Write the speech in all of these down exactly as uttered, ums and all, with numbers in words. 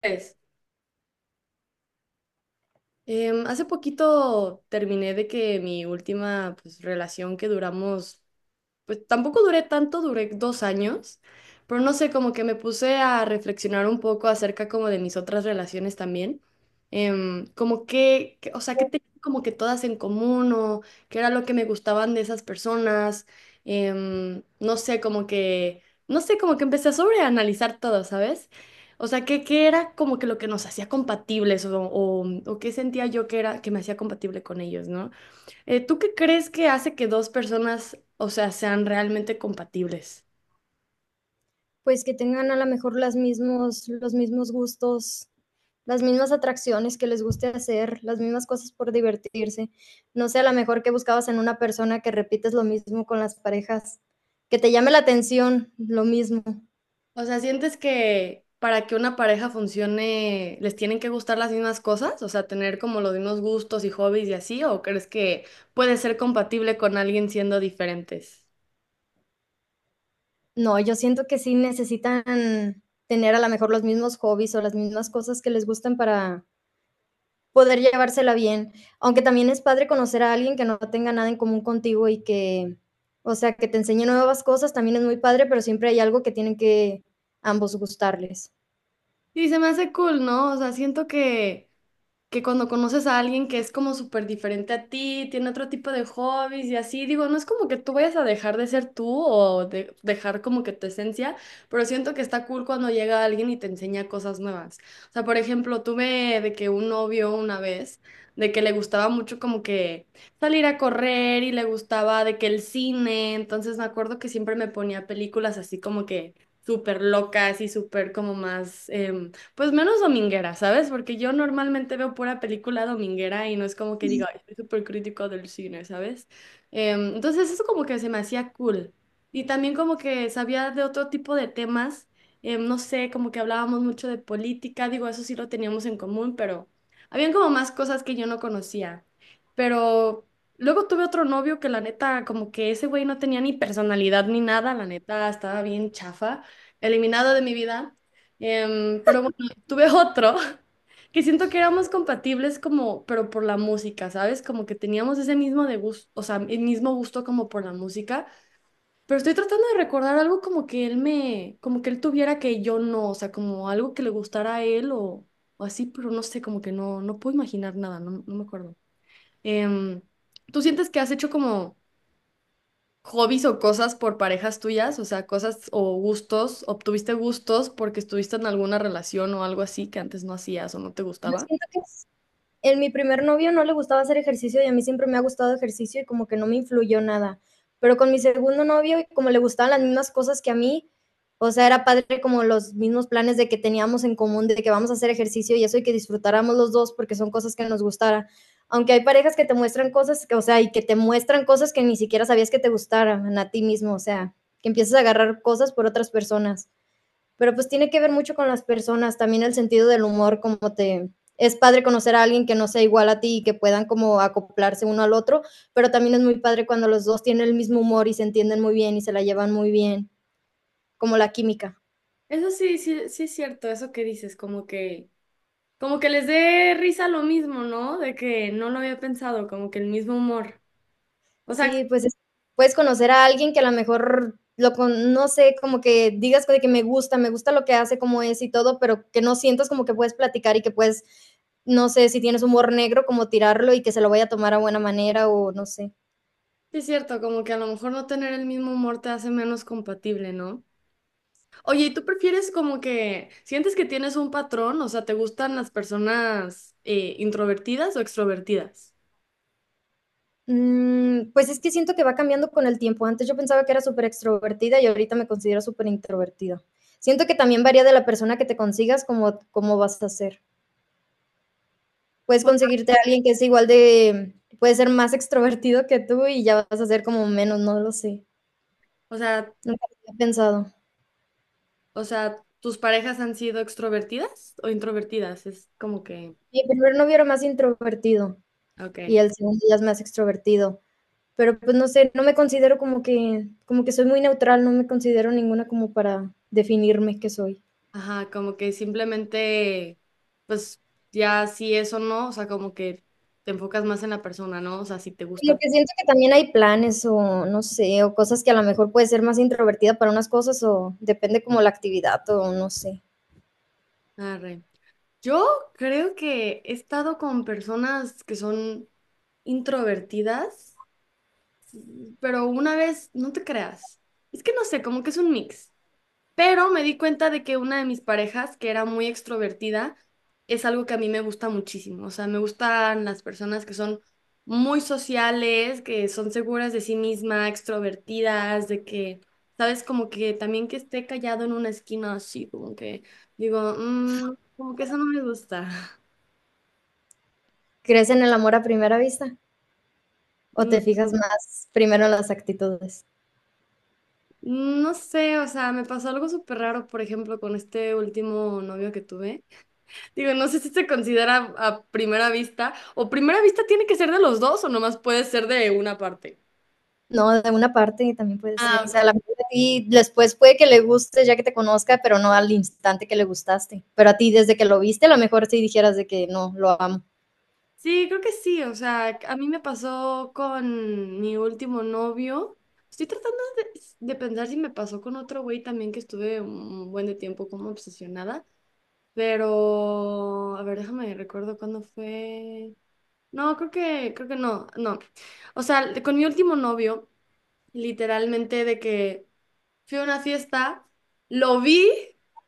Pues, em, hace poquito terminé de que mi última pues, relación que duramos pues tampoco duré tanto, duré dos años, pero no sé, como que me puse a reflexionar un poco acerca como de mis otras relaciones también, em, como que, que- o sea, que tenían como que todas en común o qué era lo que me gustaban de esas personas, em, no sé, como que, no sé, como que empecé a sobreanalizar todo, ¿sabes? O sea, que, que era como que lo que nos hacía compatibles o, o, o qué sentía yo que era, que me hacía compatible con ellos, ¿no? Eh, ¿tú qué crees que hace que dos personas, o sea, sean realmente compatibles? Pues que tengan a lo mejor las mismos, los mismos gustos, las mismas atracciones que les guste hacer, las mismas cosas por divertirse. No sé, a lo mejor que buscabas en una persona que repites lo mismo con las parejas, que te llame la atención, lo mismo. O sea, ¿sientes que para que una pareja funcione les tienen que gustar las mismas cosas? O sea, tener como los mismos gustos y hobbies y así, ¿o crees que puede ser compatible con alguien siendo diferentes? No, yo siento que sí necesitan tener a lo mejor los mismos hobbies o las mismas cosas que les gustan para, poder llevársela bien, aunque también es padre conocer a alguien que no tenga nada en común contigo y que, o sea, que te enseñe nuevas cosas, también es muy padre, pero siempre hay algo que tienen que ambos gustarles. Y se me hace cool, ¿no? O sea, siento que que cuando conoces a alguien que es como súper diferente a ti, tiene otro tipo de hobbies y así, digo, no es como que tú vayas a dejar de ser tú o de- dejar como que tu esencia, pero siento que está cool cuando llega alguien y te enseña cosas nuevas. O sea, por ejemplo, tuve de que un novio una vez, de que le gustaba mucho como que salir a correr y le gustaba de que el cine, entonces me acuerdo que siempre me ponía películas así como que súper locas y súper como más... em, pues menos dominguera, ¿sabes? Porque yo normalmente veo pura película dominguera y no es como que diga, "Ay, soy súper crítico del cine", ¿sabes? Em, entonces eso como que se me hacía cool. Y también como que sabía de otro tipo de temas, em, no sé, como que hablábamos mucho de política, digo, eso sí lo teníamos en común, pero habían como más cosas que yo no conocía. Pero luego tuve otro novio que la neta, como que ese güey no tenía ni personalidad ni nada, la neta, estaba bien chafa, eliminado de mi vida. Em, pero tuve otro que siento que éramos compatibles como, pero por la música, ¿sabes? Como que teníamos ese mismo de gusto, o sea, el mismo gusto como por la música, pero estoy tratando de recordar algo como que él me, como que él tuviera que yo no, o sea, como algo que le gustara a él o, o así, pero no sé, como que no, no puedo imaginar nada, no, no me acuerdo. Em, ¿tú sientes que has hecho como hobbies o cosas por parejas tuyas, o sea, cosas o gustos, obtuviste gustos porque estuviste en alguna relación o algo así que antes no hacías o no te Yo gustaba? siento que es en mi primer novio no le gustaba hacer ejercicio y a mí siempre me ha gustado ejercicio y como que no me influyó nada. Pero con mi segundo novio, como le gustaban las mismas cosas que a mí, o sea, era padre como los mismos planes de que teníamos en común, de que vamos a hacer ejercicio y eso y que disfrutáramos los dos porque son cosas que nos gustara. Aunque hay parejas que te muestran cosas, que, o sea, y que te muestran cosas que ni siquiera sabías que te gustaran a ti mismo, o sea, que empiezas a agarrar cosas por otras personas. Pero pues tiene que ver mucho con las personas, también el sentido del humor, como te... Es padre conocer a alguien que no sea igual a ti y que puedan como acoplarse uno al otro, pero también es muy padre cuando los dos tienen el mismo humor y se entienden muy bien y se la llevan muy bien, como la química. Eso sí, sí, sí es cierto, eso que dices, como que, como que les dé risa lo mismo, ¿no? De que no lo había pensado, como que el mismo humor. O Sí, sea, pues es- puedes conocer a alguien que a lo mejor lo con, no sé, como que digas de que me gusta, me gusta lo que hace, como es y todo, pero que no sientas como que puedes platicar y que puedes, no sé, si tienes humor negro, como tirarlo y que se lo vaya a tomar a buena manera o no sé. sí es cierto, como que a lo mejor no tener el mismo humor te hace menos compatible, ¿no? Oye, ¿y tú prefieres como que sientes que tienes un patrón? O sea, ¿te gustan las personas eh, introvertidas o extrovertidas? Mm, pues es que siento que va cambiando con el tiempo. Antes yo pensaba que era súper extrovertida y ahorita me considero súper introvertida. Siento que también varía de la persona que te consigas, como cómo vas a ser. Puedes conseguirte a alguien que es igual de, puede ser más extrovertido que tú y ya vas a ser como menos, no lo sé. O sea, Nunca lo había pensado. o sea, ¿tus parejas han sido extrovertidas o introvertidas? Es como que, Mi primer novio era más introvertido ok. y el segundo ya es más extrovertido. Pero pues no sé, no me considero como que, como que soy muy neutral, no me considero ninguna como para definirme qué soy. Ajá, como que simplemente, pues ya si eso no, o sea, como que te enfocas más en la persona, ¿no? O sea, si te Lo gusta. que siento que también hay planes o no sé, o cosas que a lo mejor puede ser más introvertida para unas cosas o depende como la actividad o no sé. Arre. Yo creo que he estado con personas que son introvertidas, pero una vez, no te creas. Es que no sé, como que es un mix. Pero me di cuenta de que una de mis parejas, que era muy extrovertida, es algo que a mí me gusta muchísimo. O sea, me gustan las personas que son muy sociales, que son seguras de sí misma, extrovertidas, de que, sabes, como que también que esté callado en una esquina así, como que digo, "Mm, como que eso no me gusta". ¿Crees en el amor a primera vista o te Mm, fijas más primero en las actitudes? no sé, o sea, me pasó algo súper raro, por ejemplo, con este último novio que tuve. Digo, no sé si se considera a primera vista, o primera vista tiene que ser de los dos, o nomás puede ser de una parte. No, de una parte también puede ser, Ah, o sea, a lo ok. mejor a ti después puede que le guste ya que te conozca, pero no al instante que le gustaste. Pero a ti desde que lo viste, a lo mejor sí dijeras de que no, lo amo, Sí, creo que sí, o sea, a mí me pasó con mi último novio. Estoy tratando de, de pensar si me pasó con otro güey también que estuve un buen de tiempo como obsesionada, pero a ver, déjame recuerdo cuándo fue. No, creo que creo que no, no. O sea, con mi último novio, literalmente de que fui a una fiesta, lo vi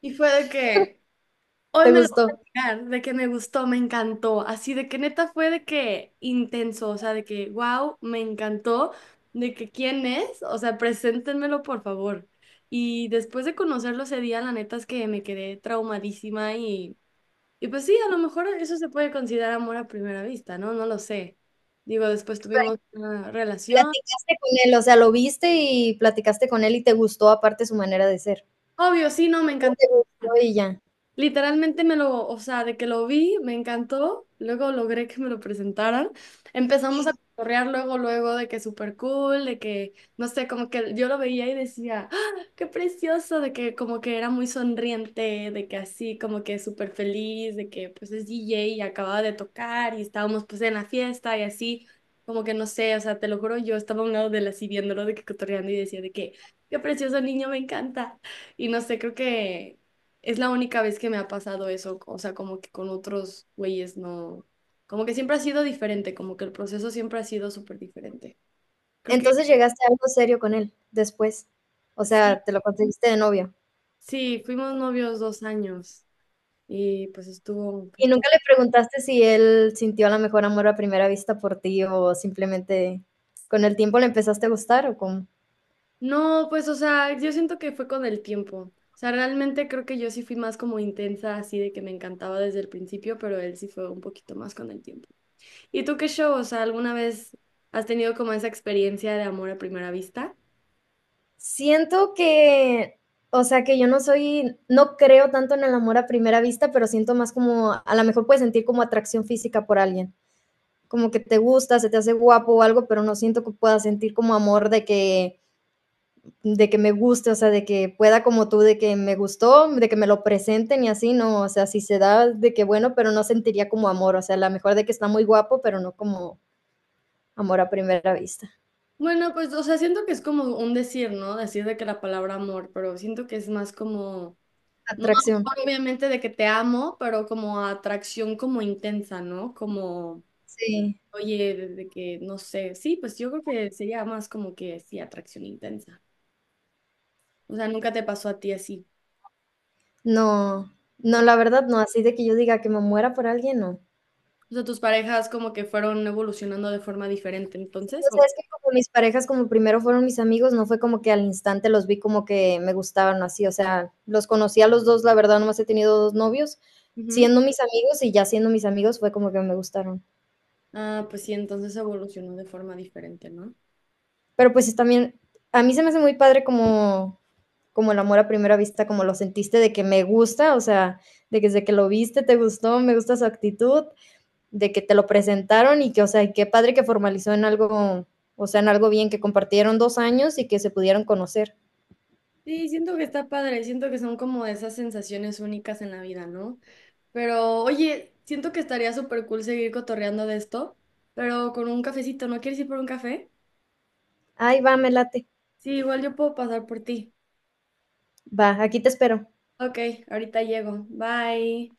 y fue de que hoy te me lo voy gustó. a sacar, de que me gustó, me encantó, así de que neta fue de que intenso, o sea, de que wow, me encantó, de que quién es, o sea, preséntenmelo por favor. Y después de conocerlo ese día, la neta es que me quedé traumadísima y, y pues sí, a lo mejor eso se puede considerar amor a primera vista, ¿no? No lo sé. Digo, después Pero tuvimos una relación. platicaste con él, o sea, lo viste y platicaste con él y te gustó aparte su manera de ser. Obvio, sí, no, me No encantó. te gustó y ya. Literalmente me lo, o sea, de que lo vi, me encantó, luego logré que me lo presentaran. Empezamos a cotorrear luego, luego de que súper cool, de que, no sé, como que yo lo veía y decía, "¡Ah, qué precioso!", de que como que era muy sonriente, de que así, como que súper feliz, de que pues es D J y acababa de tocar y estábamos pues en la fiesta y así, como que no sé, o sea, te lo juro, yo estaba a un lado de él así viéndolo, de que cotorreando y decía de que, qué precioso niño, me encanta. Y no sé, creo que... Es la única vez que me ha pasado eso, o sea, como que con otros güeyes no, como que siempre ha sido diferente, como que el proceso siempre ha sido súper diferente. Creo que Entonces, ¿llegaste a algo serio con él después, o sí, sea, te lo conseguiste de novio, sí, fuimos novios dos años y pues estuvo, pues y estuvo. nunca le preguntaste si él sintió a lo mejor amor a primera vista por ti o simplemente con el tiempo le empezaste a gustar o cómo? No, pues o sea, yo siento que fue con el tiempo. O sea, realmente creo que yo sí fui más como intensa, así de que me encantaba desde el principio, pero él sí fue un poquito más con el tiempo. ¿Y tú qué show? O sea, ¿alguna vez has tenido como esa experiencia de amor a primera vista? Siento que, o sea, que yo no soy no creo tanto en el amor a primera vista, pero siento más como a lo mejor puedes sentir como atracción física por alguien, como que te gusta, se te hace guapo o algo, pero no siento que puedas sentir como amor de que de que me guste, o sea, de que pueda como tú, de que me gustó, de que me lo presenten y así, no, o sea, si se da de que bueno, pero no sentiría como amor, o sea, a lo mejor de que está muy guapo, pero no como amor a primera vista, Bueno, pues, o sea, siento que es como un decir, ¿no? Decir de que la palabra amor, pero siento que es más como, no atracción. amor obviamente de que te amo, pero como atracción como intensa, ¿no? Como... Sí. Oye, desde que, no sé, sí, pues yo creo que sería más como que, sí, atracción intensa. O sea, nunca te pasó a ti así. No, no, la verdad no, así de que yo diga que me muera por alguien, no. O sea, tus parejas como que fueron evolucionando de forma diferente, Sí, entonces, o sea, o, es que como mis parejas, como primero fueron mis amigos, no fue como que al instante los vi como que me gustaban o así, o sea, los conocí a los dos, la verdad, nomás he tenido dos novios, ujú. siendo mis amigos y ya siendo mis amigos fue como que me gustaron. Ah, pues sí, entonces evolucionó de forma diferente, ¿no? Pero pues también, a mí se me hace muy padre como, como el amor a primera vista, como lo sentiste de que me gusta, o sea, de que desde que lo viste te gustó, me gusta su actitud, de que te lo presentaron y que, o sea, qué padre que formalizó en algo, o sea, en algo bien, que compartieron dos años y que se pudieron conocer. Sí, siento que está padre, siento que son como de esas sensaciones únicas en la vida, ¿no? Pero, oye, siento que estaría súper cool seguir cotorreando de esto, pero con un cafecito, ¿no quieres ir por un café? Ay, va, me late. Sí, igual yo puedo pasar por ti. Va, aquí te espero. Ok, ahorita llego. Bye.